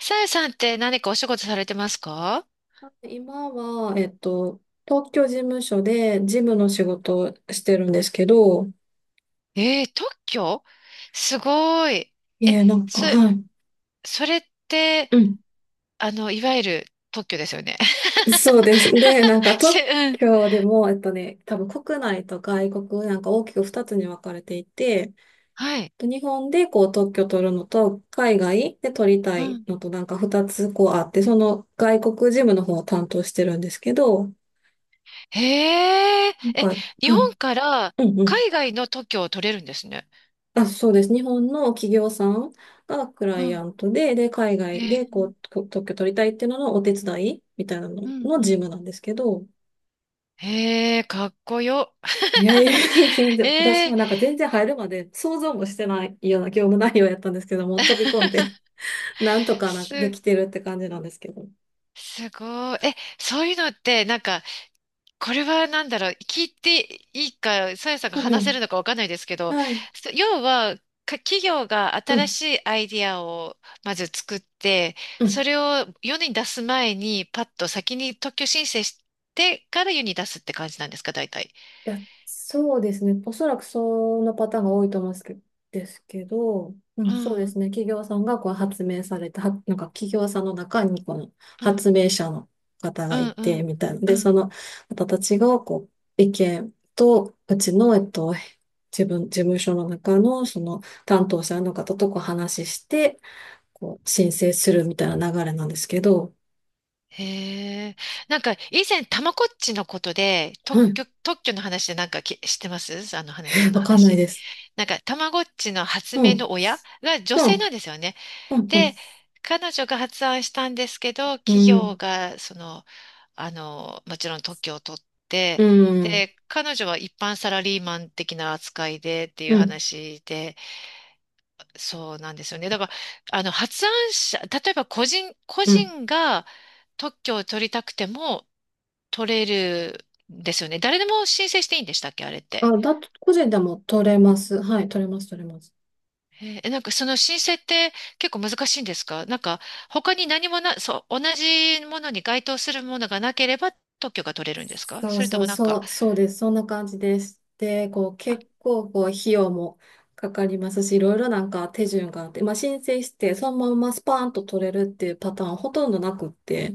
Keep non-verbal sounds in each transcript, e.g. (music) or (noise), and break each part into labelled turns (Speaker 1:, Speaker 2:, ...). Speaker 1: さやさんって何かお仕事されてますか？
Speaker 2: 今は、東京事務所で事務の仕事をしてるんですけど、
Speaker 1: えー、特許すごい。
Speaker 2: い
Speaker 1: え、
Speaker 2: え、なんか、
Speaker 1: そ、
Speaker 2: はい。
Speaker 1: それって、
Speaker 2: うん。
Speaker 1: いわゆる特許ですよね。
Speaker 2: そうです。で、なんか
Speaker 1: (laughs)
Speaker 2: 特
Speaker 1: うん。
Speaker 2: 許でも、多分国内と外国、なんか大きく2つに分かれていて、
Speaker 1: はい。
Speaker 2: 日本でこう特許取るのと、海外で取りた
Speaker 1: う
Speaker 2: い
Speaker 1: ん。
Speaker 2: のと、なんか2つこうあって、その外国事務の方を担当してるんですけど、
Speaker 1: へえ、
Speaker 2: なんか、
Speaker 1: え、
Speaker 2: はい。
Speaker 1: 日
Speaker 2: う
Speaker 1: 本から
Speaker 2: んうん。
Speaker 1: 海外の特許を取れるんですね。
Speaker 2: あ、そうです。日本の企業さんがクラ
Speaker 1: う
Speaker 2: イア
Speaker 1: ん。
Speaker 2: ントで、で、海
Speaker 1: へ
Speaker 2: 外で
Speaker 1: え、
Speaker 2: こう、特許取りたいっていうののお手伝いみたいなの
Speaker 1: うん
Speaker 2: の
Speaker 1: う
Speaker 2: 事
Speaker 1: ん。
Speaker 2: 務なんですけど、
Speaker 1: へえ、かっこよ。
Speaker 2: いやいや、(laughs) 全
Speaker 1: (laughs)
Speaker 2: 然、私
Speaker 1: えー、
Speaker 2: もなんか全然入るまで想像もしてないような業務内容やったんですけども、飛び込んで、(laughs) なんとかなんかで
Speaker 1: す、
Speaker 2: きてるって感じなんですけど。
Speaker 1: すごい。そういうのって、なんか、これはなんだろう、聞いていいか、さやさんが
Speaker 2: うんう
Speaker 1: 話せる
Speaker 2: ん、
Speaker 1: のかわかんないですけど、
Speaker 2: はい。
Speaker 1: 要は、企業が
Speaker 2: う
Speaker 1: 新
Speaker 2: ん。
Speaker 1: しいアイディアをまず作って、
Speaker 2: う
Speaker 1: そ
Speaker 2: ん。
Speaker 1: れを世に出す前に、パッと先に特許申請してから世に出すって感じなんですか、大体。
Speaker 2: いや、そうですね。おそらくそのパターンが多いと思うんですけど、う
Speaker 1: う
Speaker 2: ん、そうで
Speaker 1: ん、
Speaker 2: すね。企業さんがこう発明された、はなんか企業さんの中にこの
Speaker 1: うん、
Speaker 2: 発明者の方
Speaker 1: う
Speaker 2: がい
Speaker 1: ん、う
Speaker 2: て、
Speaker 1: ん、
Speaker 2: みたいな。
Speaker 1: う
Speaker 2: で、そ
Speaker 1: ん。
Speaker 2: の方たちがこう意見と、うちの、自分、事務所の中のその担当者の方とこう話して、こう申請するみたいな流れなんですけど、
Speaker 1: へえ。なんか、以前、たまこっちのことで、特
Speaker 2: はい、
Speaker 1: 許、特許の話でなんか知ってますあの話、その
Speaker 2: わかんない
Speaker 1: 話。
Speaker 2: です。
Speaker 1: なんか、たまごっちの発
Speaker 2: う
Speaker 1: 明
Speaker 2: ん、
Speaker 1: の親が女
Speaker 2: う
Speaker 1: 性な
Speaker 2: ん、
Speaker 1: んですよね。
Speaker 2: うん、うん、
Speaker 1: で、彼女が発案したんですけど、
Speaker 2: う
Speaker 1: 企業
Speaker 2: ん、
Speaker 1: が、もちろん特許を取っ
Speaker 2: う
Speaker 1: て、
Speaker 2: ん。
Speaker 1: で、彼女は一般サラリーマン的な扱いでっていう
Speaker 2: うん
Speaker 1: 話で、そうなんですよね。だから、発案者、例えば個人、個
Speaker 2: うん。
Speaker 1: 人が特許を取りたくても取れるんですよね。誰でも申請していいんでしたっけ、あれって。
Speaker 2: あ、だと、個人でも取れます。はい、取れます、取れます。
Speaker 1: なんかその申請って結構難しいんですか？なんか他に何もな、そう、同じものに該当するものがなければ特許が取れるんですか？
Speaker 2: そう
Speaker 1: それと
Speaker 2: そう、
Speaker 1: もなんか、
Speaker 2: そう、そうです。そんな感じです。で、こう、
Speaker 1: あ、
Speaker 2: 結構、こう、費用もかかりますし、いろいろなんか手順があって、まあ、申請して、そのままスパーンと取れるっていうパターンはほとんどなくって、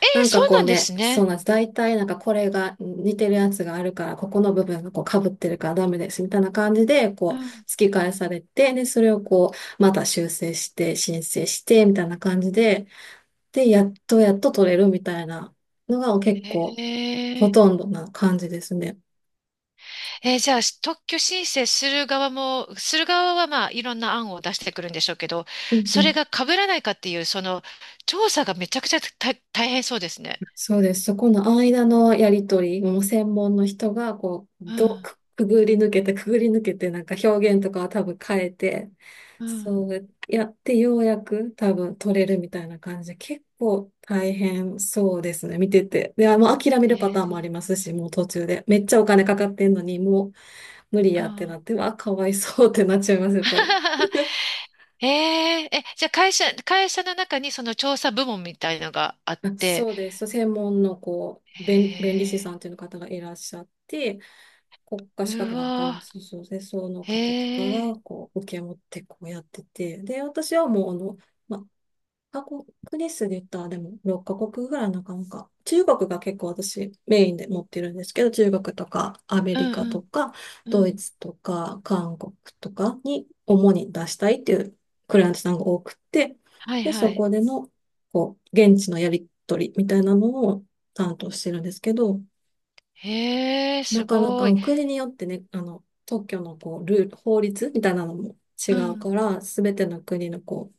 Speaker 1: え
Speaker 2: な
Speaker 1: ー
Speaker 2: ん
Speaker 1: そ
Speaker 2: か
Speaker 1: う
Speaker 2: こ
Speaker 1: な
Speaker 2: う
Speaker 1: んで
Speaker 2: ね、
Speaker 1: す
Speaker 2: そう
Speaker 1: ね。
Speaker 2: なんです。大体なんかこれが似てるやつがあるから、ここの部分がこう被ってるからダメです、みたいな感じで、
Speaker 1: う
Speaker 2: こう、
Speaker 1: ん、
Speaker 2: 突き返されて、で、それをこう、また修正して、申請して、みたいな感じで、で、やっとやっと取れるみたいなのが結構
Speaker 1: へ
Speaker 2: ほとんどな感じですね。
Speaker 1: えー。じゃあ、特許申請する側も、する側はまあ、いろんな案を出してくるんでしょうけど、
Speaker 2: うんう
Speaker 1: それ
Speaker 2: ん。
Speaker 1: が被らないかっていう、その、調査がめちゃくちゃ大変そうですね。
Speaker 2: そうです。そこの間のやりとり、もう専門の人がこう、
Speaker 1: うん、
Speaker 2: くぐり抜けて、くぐり抜けて、なんか表現とかは多分変えて、
Speaker 1: うん、
Speaker 2: そうやってようやく多分取れるみたいな感じで、結構大変そうですね、見てて。で、もう諦め
Speaker 1: え
Speaker 2: るパターンもあり
Speaker 1: ー、
Speaker 2: ますし、もう途中で。めっちゃお金かかってんのに、もう無理
Speaker 1: う
Speaker 2: やって
Speaker 1: ん。
Speaker 2: なって、わあ、かわいそうってなっちゃいます、やっぱり。
Speaker 1: (laughs) えー、じゃあ会社の中にその調査部門みたいのがあっ
Speaker 2: あ、
Speaker 1: て、
Speaker 2: そうです。専門のこう、弁理士
Speaker 1: え
Speaker 2: さんという方がいらっしゃって、国家資
Speaker 1: ー、う
Speaker 2: 格なんか
Speaker 1: わ
Speaker 2: の、そうそうで、その
Speaker 1: ー、
Speaker 2: 方とか
Speaker 1: え
Speaker 2: が、
Speaker 1: ー、
Speaker 2: こう、受け持ってこうやってて、で、私はもう、まカ国ですで言ったら、でも6カ国ぐらいなかなか。中国が結構私メインで持ってるんですけど、中国とかアメ
Speaker 1: う
Speaker 2: リ
Speaker 1: ん、
Speaker 2: カとか
Speaker 1: うん、
Speaker 2: ド
Speaker 1: う
Speaker 2: イ
Speaker 1: ん。
Speaker 2: ツとか韓国とかに主に出したいっていうクライアントさんが多くて、
Speaker 1: はい、
Speaker 2: で、
Speaker 1: は
Speaker 2: そ
Speaker 1: い。
Speaker 2: こでのこう現地のやり取りみたいなのを担当してるんですけど、
Speaker 1: えー、
Speaker 2: な
Speaker 1: す
Speaker 2: かなか、
Speaker 1: ごい。
Speaker 2: お国によってね、特許のこう、ルール、法律みたいなのも違
Speaker 1: う
Speaker 2: うか
Speaker 1: ん、
Speaker 2: ら、すべての国のこ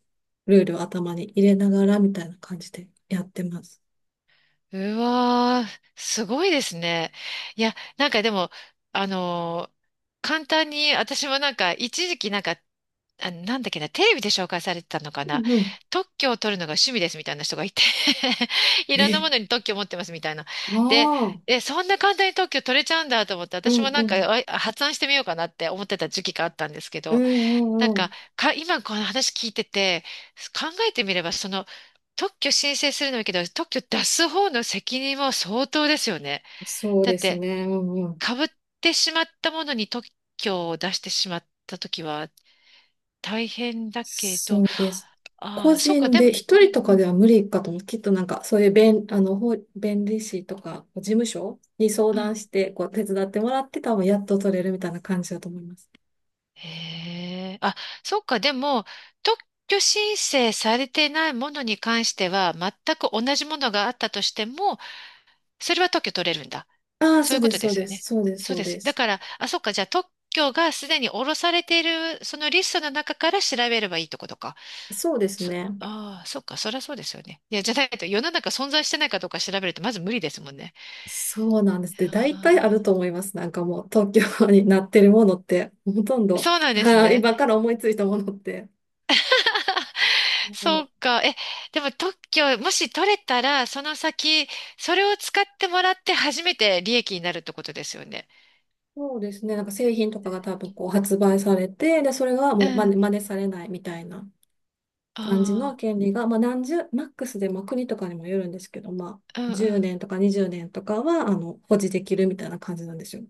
Speaker 2: う、ルールを頭に入れながらみたいな感じでやってます。
Speaker 1: うわー、すごいですね。いや、なんかでも、あのー簡単に、私もなんか、一時期なんか、あ、なんだっけな、テレビで紹介されてたのか
Speaker 2: う
Speaker 1: な、
Speaker 2: んうん。
Speaker 1: 特許を取るのが趣味ですみたいな人がいて (laughs) いろんな
Speaker 2: え、
Speaker 1: ものに特許を持ってますみたいな。で、
Speaker 2: ああ、
Speaker 1: そんな簡単に特許取れちゃうんだと思って、
Speaker 2: う
Speaker 1: 私も
Speaker 2: んう
Speaker 1: なんか
Speaker 2: ん。
Speaker 1: 発案してみようかなって思ってた時期があったんですけ
Speaker 2: う
Speaker 1: ど、
Speaker 2: んう
Speaker 1: なん
Speaker 2: んう
Speaker 1: か、
Speaker 2: ん。
Speaker 1: 今この話聞いてて、考えてみれば、その、特許申請するのもいいけど、特許出す方の責任も相当ですよね。
Speaker 2: そう
Speaker 1: だっ
Speaker 2: です
Speaker 1: て、
Speaker 2: ね。うんうん。
Speaker 1: 被ってしまったものに特許を出してしまったときは大変だけど、
Speaker 2: そうです。
Speaker 1: あ
Speaker 2: 個
Speaker 1: あ、そうか、
Speaker 2: 人
Speaker 1: で
Speaker 2: で、
Speaker 1: も、う
Speaker 2: 一人
Speaker 1: ん
Speaker 2: と
Speaker 1: う
Speaker 2: かで
Speaker 1: ん、
Speaker 2: は無理かと思う。きっとなんか、そういう弁、あの、法弁理士とか、事務所に相
Speaker 1: う
Speaker 2: 談
Speaker 1: ん。
Speaker 2: して、こう、手伝ってもらって、多分やっと取れるみたいな感じだと思います。
Speaker 1: へえ、あ、そうか、でも、特許申請されてないものに関しては、全く同じものがあったとしても、それは特許取れるんだ。
Speaker 2: ああ、
Speaker 1: そう
Speaker 2: そ
Speaker 1: い
Speaker 2: う
Speaker 1: うこ
Speaker 2: で
Speaker 1: と
Speaker 2: す、
Speaker 1: で
Speaker 2: そう
Speaker 1: すよ
Speaker 2: です、
Speaker 1: ね。
Speaker 2: そうです、
Speaker 1: そう
Speaker 2: そう
Speaker 1: です。
Speaker 2: で
Speaker 1: だ
Speaker 2: す。
Speaker 1: から、あ、そっか、じゃあ特許がすでに下ろされている、そのリストの中から調べればいいとことか。
Speaker 2: そうです
Speaker 1: そ、
Speaker 2: ね。
Speaker 1: ああ、そっか、そりゃそうですよね。いや、じゃないと世の中存在してないかどうか調べるとまず無理ですもんね。
Speaker 2: そうなんです。で、
Speaker 1: あ
Speaker 2: 大体ある
Speaker 1: あ、
Speaker 2: と思います。なんかもう、東京になってるものって、ほとんど、
Speaker 1: そうな
Speaker 2: (laughs)
Speaker 1: んです
Speaker 2: はい
Speaker 1: ね。
Speaker 2: 今から思いついたものって。
Speaker 1: (laughs)
Speaker 2: そ
Speaker 1: そ
Speaker 2: う
Speaker 1: うか。でも特許、もし取れたら、その先、それを使ってもらって初めて利益になるってことですよね。
Speaker 2: そうですね。なんか製品とかが多分こう発売されて、で、それが
Speaker 1: う
Speaker 2: もう
Speaker 1: ん。
Speaker 2: 真似されないみたいな感じ
Speaker 1: あ
Speaker 2: の権利が、まあ何十、マックスで、まあ国とかにもよるんですけど、まあ
Speaker 1: あ、うんう
Speaker 2: 10
Speaker 1: ん。
Speaker 2: 年とか20年とかは、保持できるみたいな感じなんですよ。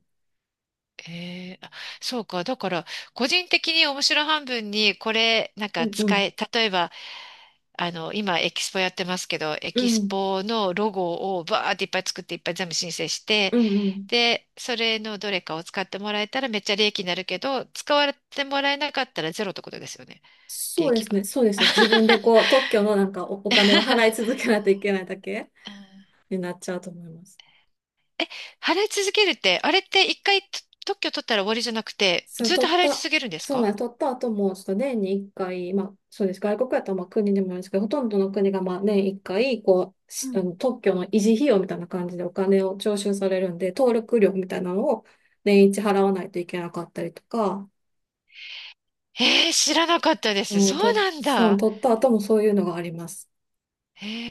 Speaker 1: ええあ、そうか。だから、個人的に面白半分に、これ、なん
Speaker 2: う
Speaker 1: か
Speaker 2: んう
Speaker 1: 使
Speaker 2: ん。
Speaker 1: え、例えば、今、エキスポやってますけど、エ
Speaker 2: う
Speaker 1: キス
Speaker 2: ん。
Speaker 1: ポのロゴをバーっていっぱい作って、いっぱい全部申請して、
Speaker 2: うんうん。
Speaker 1: で、それのどれかを使ってもらえたらめっちゃ利益になるけど、使われてもらえなかったらゼロってことですよね。利
Speaker 2: そうで
Speaker 1: 益
Speaker 2: すね、
Speaker 1: が。
Speaker 2: そうですよ。自分でこう、特許のなんかお金を払い
Speaker 1: (laughs)
Speaker 2: 続けないといけないだけ
Speaker 1: うん、
Speaker 2: になっちゃうと思います。
Speaker 1: え、払い続けるって、あれって一回と特許取ったら終わりじゃなくて、
Speaker 2: その
Speaker 1: ずっと
Speaker 2: 取っ
Speaker 1: 払い続
Speaker 2: た、
Speaker 1: けるんです
Speaker 2: そうな
Speaker 1: か？
Speaker 2: んです、取った後も、ちょっと年に1回、まあ、そうです。外国やったらまあ国でもあるんですけど、ほとんどの国がまあ年1回、こう、あの特許の維持費用みたいな感じでお金を徴収されるんで、登録料みたいなのを年一払わないといけなかったりとか、
Speaker 1: えー、知らなかったです。
Speaker 2: う
Speaker 1: そ
Speaker 2: ん、
Speaker 1: う
Speaker 2: と、
Speaker 1: なん
Speaker 2: そう、
Speaker 1: だ。
Speaker 2: 取った後もそういうのがあります。
Speaker 1: えー、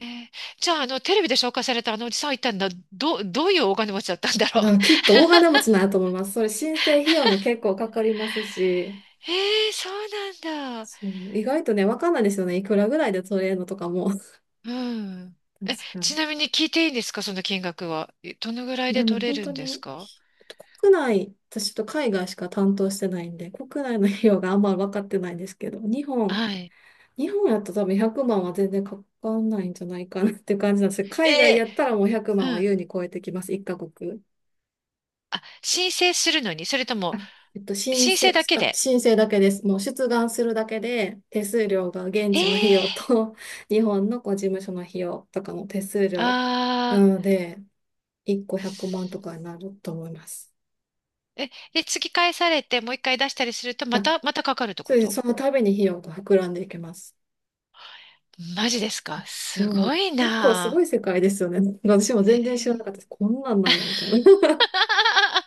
Speaker 1: じゃあ、テレビで紹介されたあのおじさんは一体どういうお金持ちだったんだろう。
Speaker 2: だからきっと大金持ちなんやと思います。それ申請費用も結構かかりますし、
Speaker 1: (laughs) えー、そうなんだ。
Speaker 2: そう、意外とね、わかんないですよね。いくらぐらいで取れるのとかも。(laughs)
Speaker 1: うん。
Speaker 2: 確か
Speaker 1: ち
Speaker 2: に。
Speaker 1: なみに聞いていいんですか、その金額は。えどのぐらい
Speaker 2: で
Speaker 1: で
Speaker 2: も
Speaker 1: 取れ
Speaker 2: 本
Speaker 1: る
Speaker 2: 当
Speaker 1: んです
Speaker 2: に、
Speaker 1: か？
Speaker 2: ひえっと国内、私ちょっと海外しか担当してないんで、国内の費用があんまり分かってないんですけど、
Speaker 1: はい。
Speaker 2: 日本やったら多分100万は全然かかんないんじゃないかなっていう感じなんですけど、海外
Speaker 1: え
Speaker 2: やったらもう100
Speaker 1: ー、
Speaker 2: 万
Speaker 1: う
Speaker 2: は
Speaker 1: ん。
Speaker 2: 優に超えてきます、一カ国。
Speaker 1: あ、申請するのに、それとも、
Speaker 2: あ
Speaker 1: 申請だけで。
Speaker 2: 申請だけです。もう出願するだけで、手数料が現
Speaker 1: え
Speaker 2: 地の費
Speaker 1: え
Speaker 2: 用
Speaker 1: ー、
Speaker 2: と、(laughs) 日本のこう事務所の費用とかの手数料な
Speaker 1: ああ
Speaker 2: ので、1個100万とかになると思います。
Speaker 1: え、で、次返されて、もう一回出したりすると、ま
Speaker 2: あ、
Speaker 1: た、またかかるって
Speaker 2: そ
Speaker 1: こ
Speaker 2: うです。
Speaker 1: と？
Speaker 2: その度に費用が膨らんでいきます。
Speaker 1: マジですか？
Speaker 2: す
Speaker 1: す
Speaker 2: ごい。
Speaker 1: ごい
Speaker 2: 結構すご
Speaker 1: な
Speaker 2: い世界ですよね。(laughs) 私も
Speaker 1: ぁ。え
Speaker 2: 全然知らなかったで
Speaker 1: ー
Speaker 2: す。こんなんなんや、みたいな。(laughs)
Speaker 1: (laughs)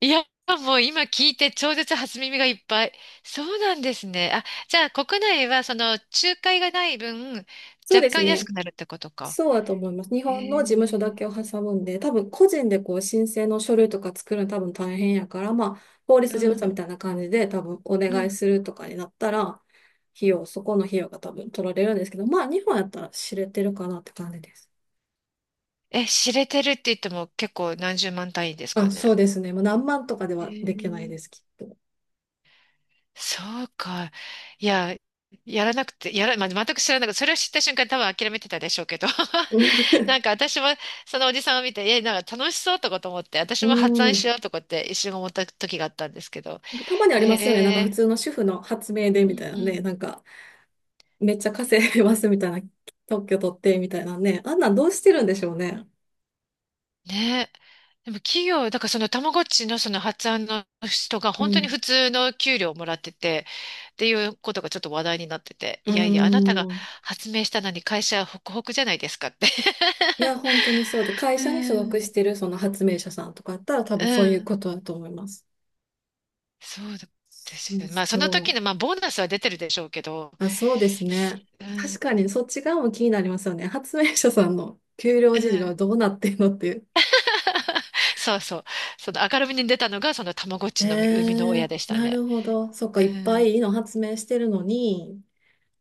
Speaker 1: いや、もう今聞いて超絶初耳がいっぱい。そうなんですね。あ、じゃあ国内はその仲介がない分、
Speaker 2: そう
Speaker 1: 若
Speaker 2: です
Speaker 1: 干安
Speaker 2: ね。
Speaker 1: くなるってことか。
Speaker 2: そうだと思います。日
Speaker 1: へ
Speaker 2: 本の事務所だ
Speaker 1: え。
Speaker 2: けを挟むんで、多分個人でこう申請の書類とか作るの多分大変やから、まあ、法律
Speaker 1: う
Speaker 2: 事務所
Speaker 1: ん、
Speaker 2: みたいな感じで多分お
Speaker 1: う
Speaker 2: 願い
Speaker 1: ん。
Speaker 2: するとかになったら、費用、そこの費用が多分取られるんですけど、まあ、日本やったら知れてるかなって感じです。
Speaker 1: 知れてるって言っても結構何十万単位ですか
Speaker 2: あ、そう
Speaker 1: ね。
Speaker 2: ですね。もう何万とかで
Speaker 1: へ
Speaker 2: はできない
Speaker 1: え。
Speaker 2: です、きっと。
Speaker 1: そうか。いや、やらなくて、やら、まあ、全く知らなくて、それを知った瞬間多分諦めてたでしょうけど。(laughs) なんか
Speaker 2: (laughs)
Speaker 1: 私もそのおじさんを見て、なんか楽しそうとかと思って、私
Speaker 2: う
Speaker 1: も発案し
Speaker 2: ん。
Speaker 1: ようとかって一瞬思った時があったんですけど、
Speaker 2: たまにあ
Speaker 1: へ
Speaker 2: りますよね。なんか普
Speaker 1: え、
Speaker 2: 通の主婦の発明で
Speaker 1: う
Speaker 2: みた
Speaker 1: ん
Speaker 2: いな
Speaker 1: う
Speaker 2: ね。
Speaker 1: ん。
Speaker 2: なんか、めっちゃ稼いでますみたいな、特許取ってみたいなね。あんなんどうしてるんでしょうね。
Speaker 1: ね、でも企業、だからそのたまごっちのその発案の人が
Speaker 2: う
Speaker 1: 本当に
Speaker 2: ん。
Speaker 1: 普通の給料をもらってて、っていうことがちょっと話題になってて、
Speaker 2: うー
Speaker 1: いやいや、あなたが
Speaker 2: ん。
Speaker 1: 発明したのに会社はホクホクじゃないですかって。
Speaker 2: いや、本当にそうで、
Speaker 1: (laughs)
Speaker 2: 会
Speaker 1: う
Speaker 2: 社に所属し
Speaker 1: ん。
Speaker 2: てるその発明者さんとかだったら多
Speaker 1: (laughs) う
Speaker 2: 分そういう
Speaker 1: ん、
Speaker 2: ことだと思います。
Speaker 1: そうで
Speaker 2: そ
Speaker 1: す
Speaker 2: う
Speaker 1: よね。まあその
Speaker 2: そ
Speaker 1: 時
Speaker 2: う。
Speaker 1: の、まあボーナスは出てるでしょうけど、
Speaker 2: あ、そうですね。
Speaker 1: う
Speaker 2: 確
Speaker 1: ん、
Speaker 2: かにそっち側も気になりますよね。発明者さんの給料
Speaker 1: う
Speaker 2: 事情は
Speaker 1: ん。
Speaker 2: どうなってるのっていう。
Speaker 1: (laughs) そうそう。その明るみに出たのが、そのたまごっちの生みの親でした
Speaker 2: な
Speaker 1: ね。
Speaker 2: るほど。そっか、
Speaker 1: う
Speaker 2: いっぱい
Speaker 1: ん。
Speaker 2: いいの発明してるのに、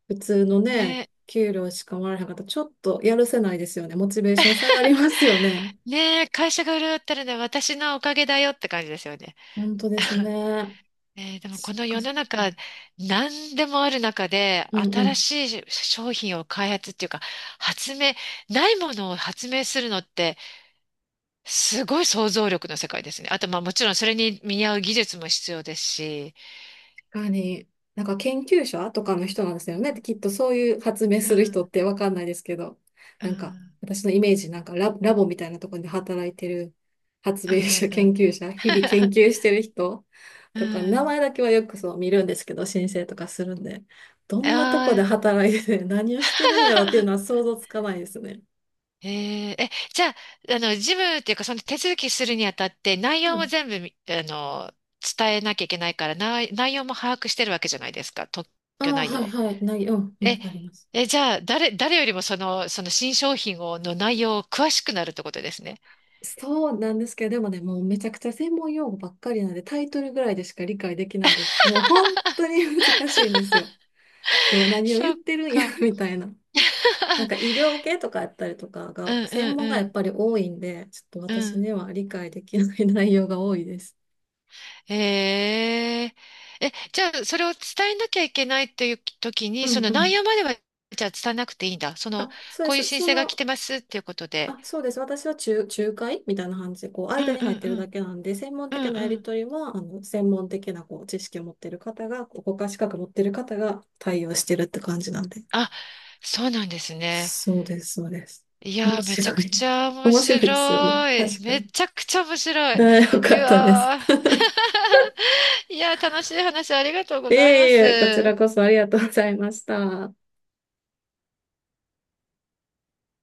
Speaker 2: 普通のね、
Speaker 1: ねえ、
Speaker 2: 給料しかもらえへんかったら、ちょっとやるせないですよね。モチベーション下がりますよね。
Speaker 1: ねえ、会社が潤ったるのは私のおかげだよって感じですよね。
Speaker 2: 本当です
Speaker 1: (laughs)
Speaker 2: ね。
Speaker 1: えーでも
Speaker 2: そ
Speaker 1: こ
Speaker 2: っ
Speaker 1: の
Speaker 2: か
Speaker 1: 世
Speaker 2: そっ
Speaker 1: の中
Speaker 2: か。
Speaker 1: 何でもある中で
Speaker 2: うんう
Speaker 1: 新
Speaker 2: ん。
Speaker 1: しい商品を開発っていうか発明、ないものを発明するのってすごい想像力の世界ですね。あとまあもちろんそれに見合う技術も必要ですし。
Speaker 2: かに、なんか研究者とかの人なんですよね。きっとそういう発明
Speaker 1: う
Speaker 2: する人っ
Speaker 1: ん
Speaker 2: てわかんないですけど、
Speaker 1: うん
Speaker 2: な
Speaker 1: う
Speaker 2: んか
Speaker 1: ん
Speaker 2: 私のイメージ、なんかラボみたいなところで働いてる発
Speaker 1: う
Speaker 2: 明
Speaker 1: んうん
Speaker 2: 者、
Speaker 1: うん。
Speaker 2: 研究者、日々研
Speaker 1: (laughs)
Speaker 2: 究してる人
Speaker 1: う
Speaker 2: とか、名
Speaker 1: ん。
Speaker 2: 前だけはよくそう見るんですけど、申請とかするんで、どんなとこで
Speaker 1: ああ
Speaker 2: 働いてて (laughs) 何をしてるんやろっていうのは
Speaker 1: (laughs)
Speaker 2: 想像つかないですね。
Speaker 1: えええ、じゃあ、事務っていうか、その手続きするにあたって、内
Speaker 2: う
Speaker 1: 容も
Speaker 2: ん。
Speaker 1: 全部み、あの、伝えなきゃいけないから、内容も把握してるわけじゃないですか、特
Speaker 2: あ
Speaker 1: 許
Speaker 2: あ、
Speaker 1: 内
Speaker 2: はい
Speaker 1: 容。
Speaker 2: はい。ない、うん、う
Speaker 1: え、
Speaker 2: ん、あります。
Speaker 1: じゃあ、誰よりもその新商品を、の内容を詳しくなるってことですね。
Speaker 2: そうなんですけど、でもね、もうめちゃくちゃ専門用語ばっかりなんで、タイトルぐらいでしか理解できないです。もう本当に難しいんですよ。
Speaker 1: (laughs)
Speaker 2: 何を
Speaker 1: そ
Speaker 2: 言っ
Speaker 1: っ
Speaker 2: てるんや
Speaker 1: か。
Speaker 2: (laughs) みたいな。なんか医
Speaker 1: (laughs)
Speaker 2: 療系とかやったりとか
Speaker 1: う
Speaker 2: が、
Speaker 1: んう
Speaker 2: 専
Speaker 1: ん
Speaker 2: 門が
Speaker 1: う
Speaker 2: やっ
Speaker 1: ん。
Speaker 2: ぱり多いんで、ちょっ
Speaker 1: う
Speaker 2: と私に
Speaker 1: ん。
Speaker 2: は理解できない内容が多いです。
Speaker 1: へえ。じゃあ、それを伝えなきゃいけないという時
Speaker 2: う
Speaker 1: に、そ
Speaker 2: ん
Speaker 1: の
Speaker 2: う
Speaker 1: 内
Speaker 2: ん。
Speaker 1: 容までは、じゃあ伝えなくていいんだ。そ
Speaker 2: あ、
Speaker 1: の、
Speaker 2: そうで
Speaker 1: こういう
Speaker 2: す。
Speaker 1: 申請が来てますっていうことで。
Speaker 2: そうです。私は仲介みたいな感じで、こう、
Speaker 1: う
Speaker 2: 間
Speaker 1: ん
Speaker 2: に
Speaker 1: う
Speaker 2: 入っ
Speaker 1: ん
Speaker 2: てる
Speaker 1: う
Speaker 2: だ
Speaker 1: ん。
Speaker 2: けなんで、専門
Speaker 1: うん
Speaker 2: 的なや
Speaker 1: う
Speaker 2: り
Speaker 1: ん。
Speaker 2: 取りは、専門的な、こう、知識を持ってる方が、こう国家資格持ってる方が対応してるって感じなんで。
Speaker 1: あ、そうなんですね。
Speaker 2: そうです、そうです。
Speaker 1: いや
Speaker 2: 面
Speaker 1: ー、めちゃ
Speaker 2: 白
Speaker 1: く
Speaker 2: い。
Speaker 1: ちゃ
Speaker 2: (laughs)
Speaker 1: 面
Speaker 2: 面白いですよね。
Speaker 1: 白い。
Speaker 2: 確か
Speaker 1: め
Speaker 2: に。
Speaker 1: ちゃくちゃ面白い。
Speaker 2: よ
Speaker 1: い
Speaker 2: かったです。
Speaker 1: や
Speaker 2: (laughs)
Speaker 1: ー。(laughs) いやー、楽しい話ありがとうご
Speaker 2: い
Speaker 1: ざいま
Speaker 2: えいえ、こちら
Speaker 1: す。
Speaker 2: こそありがとうございました。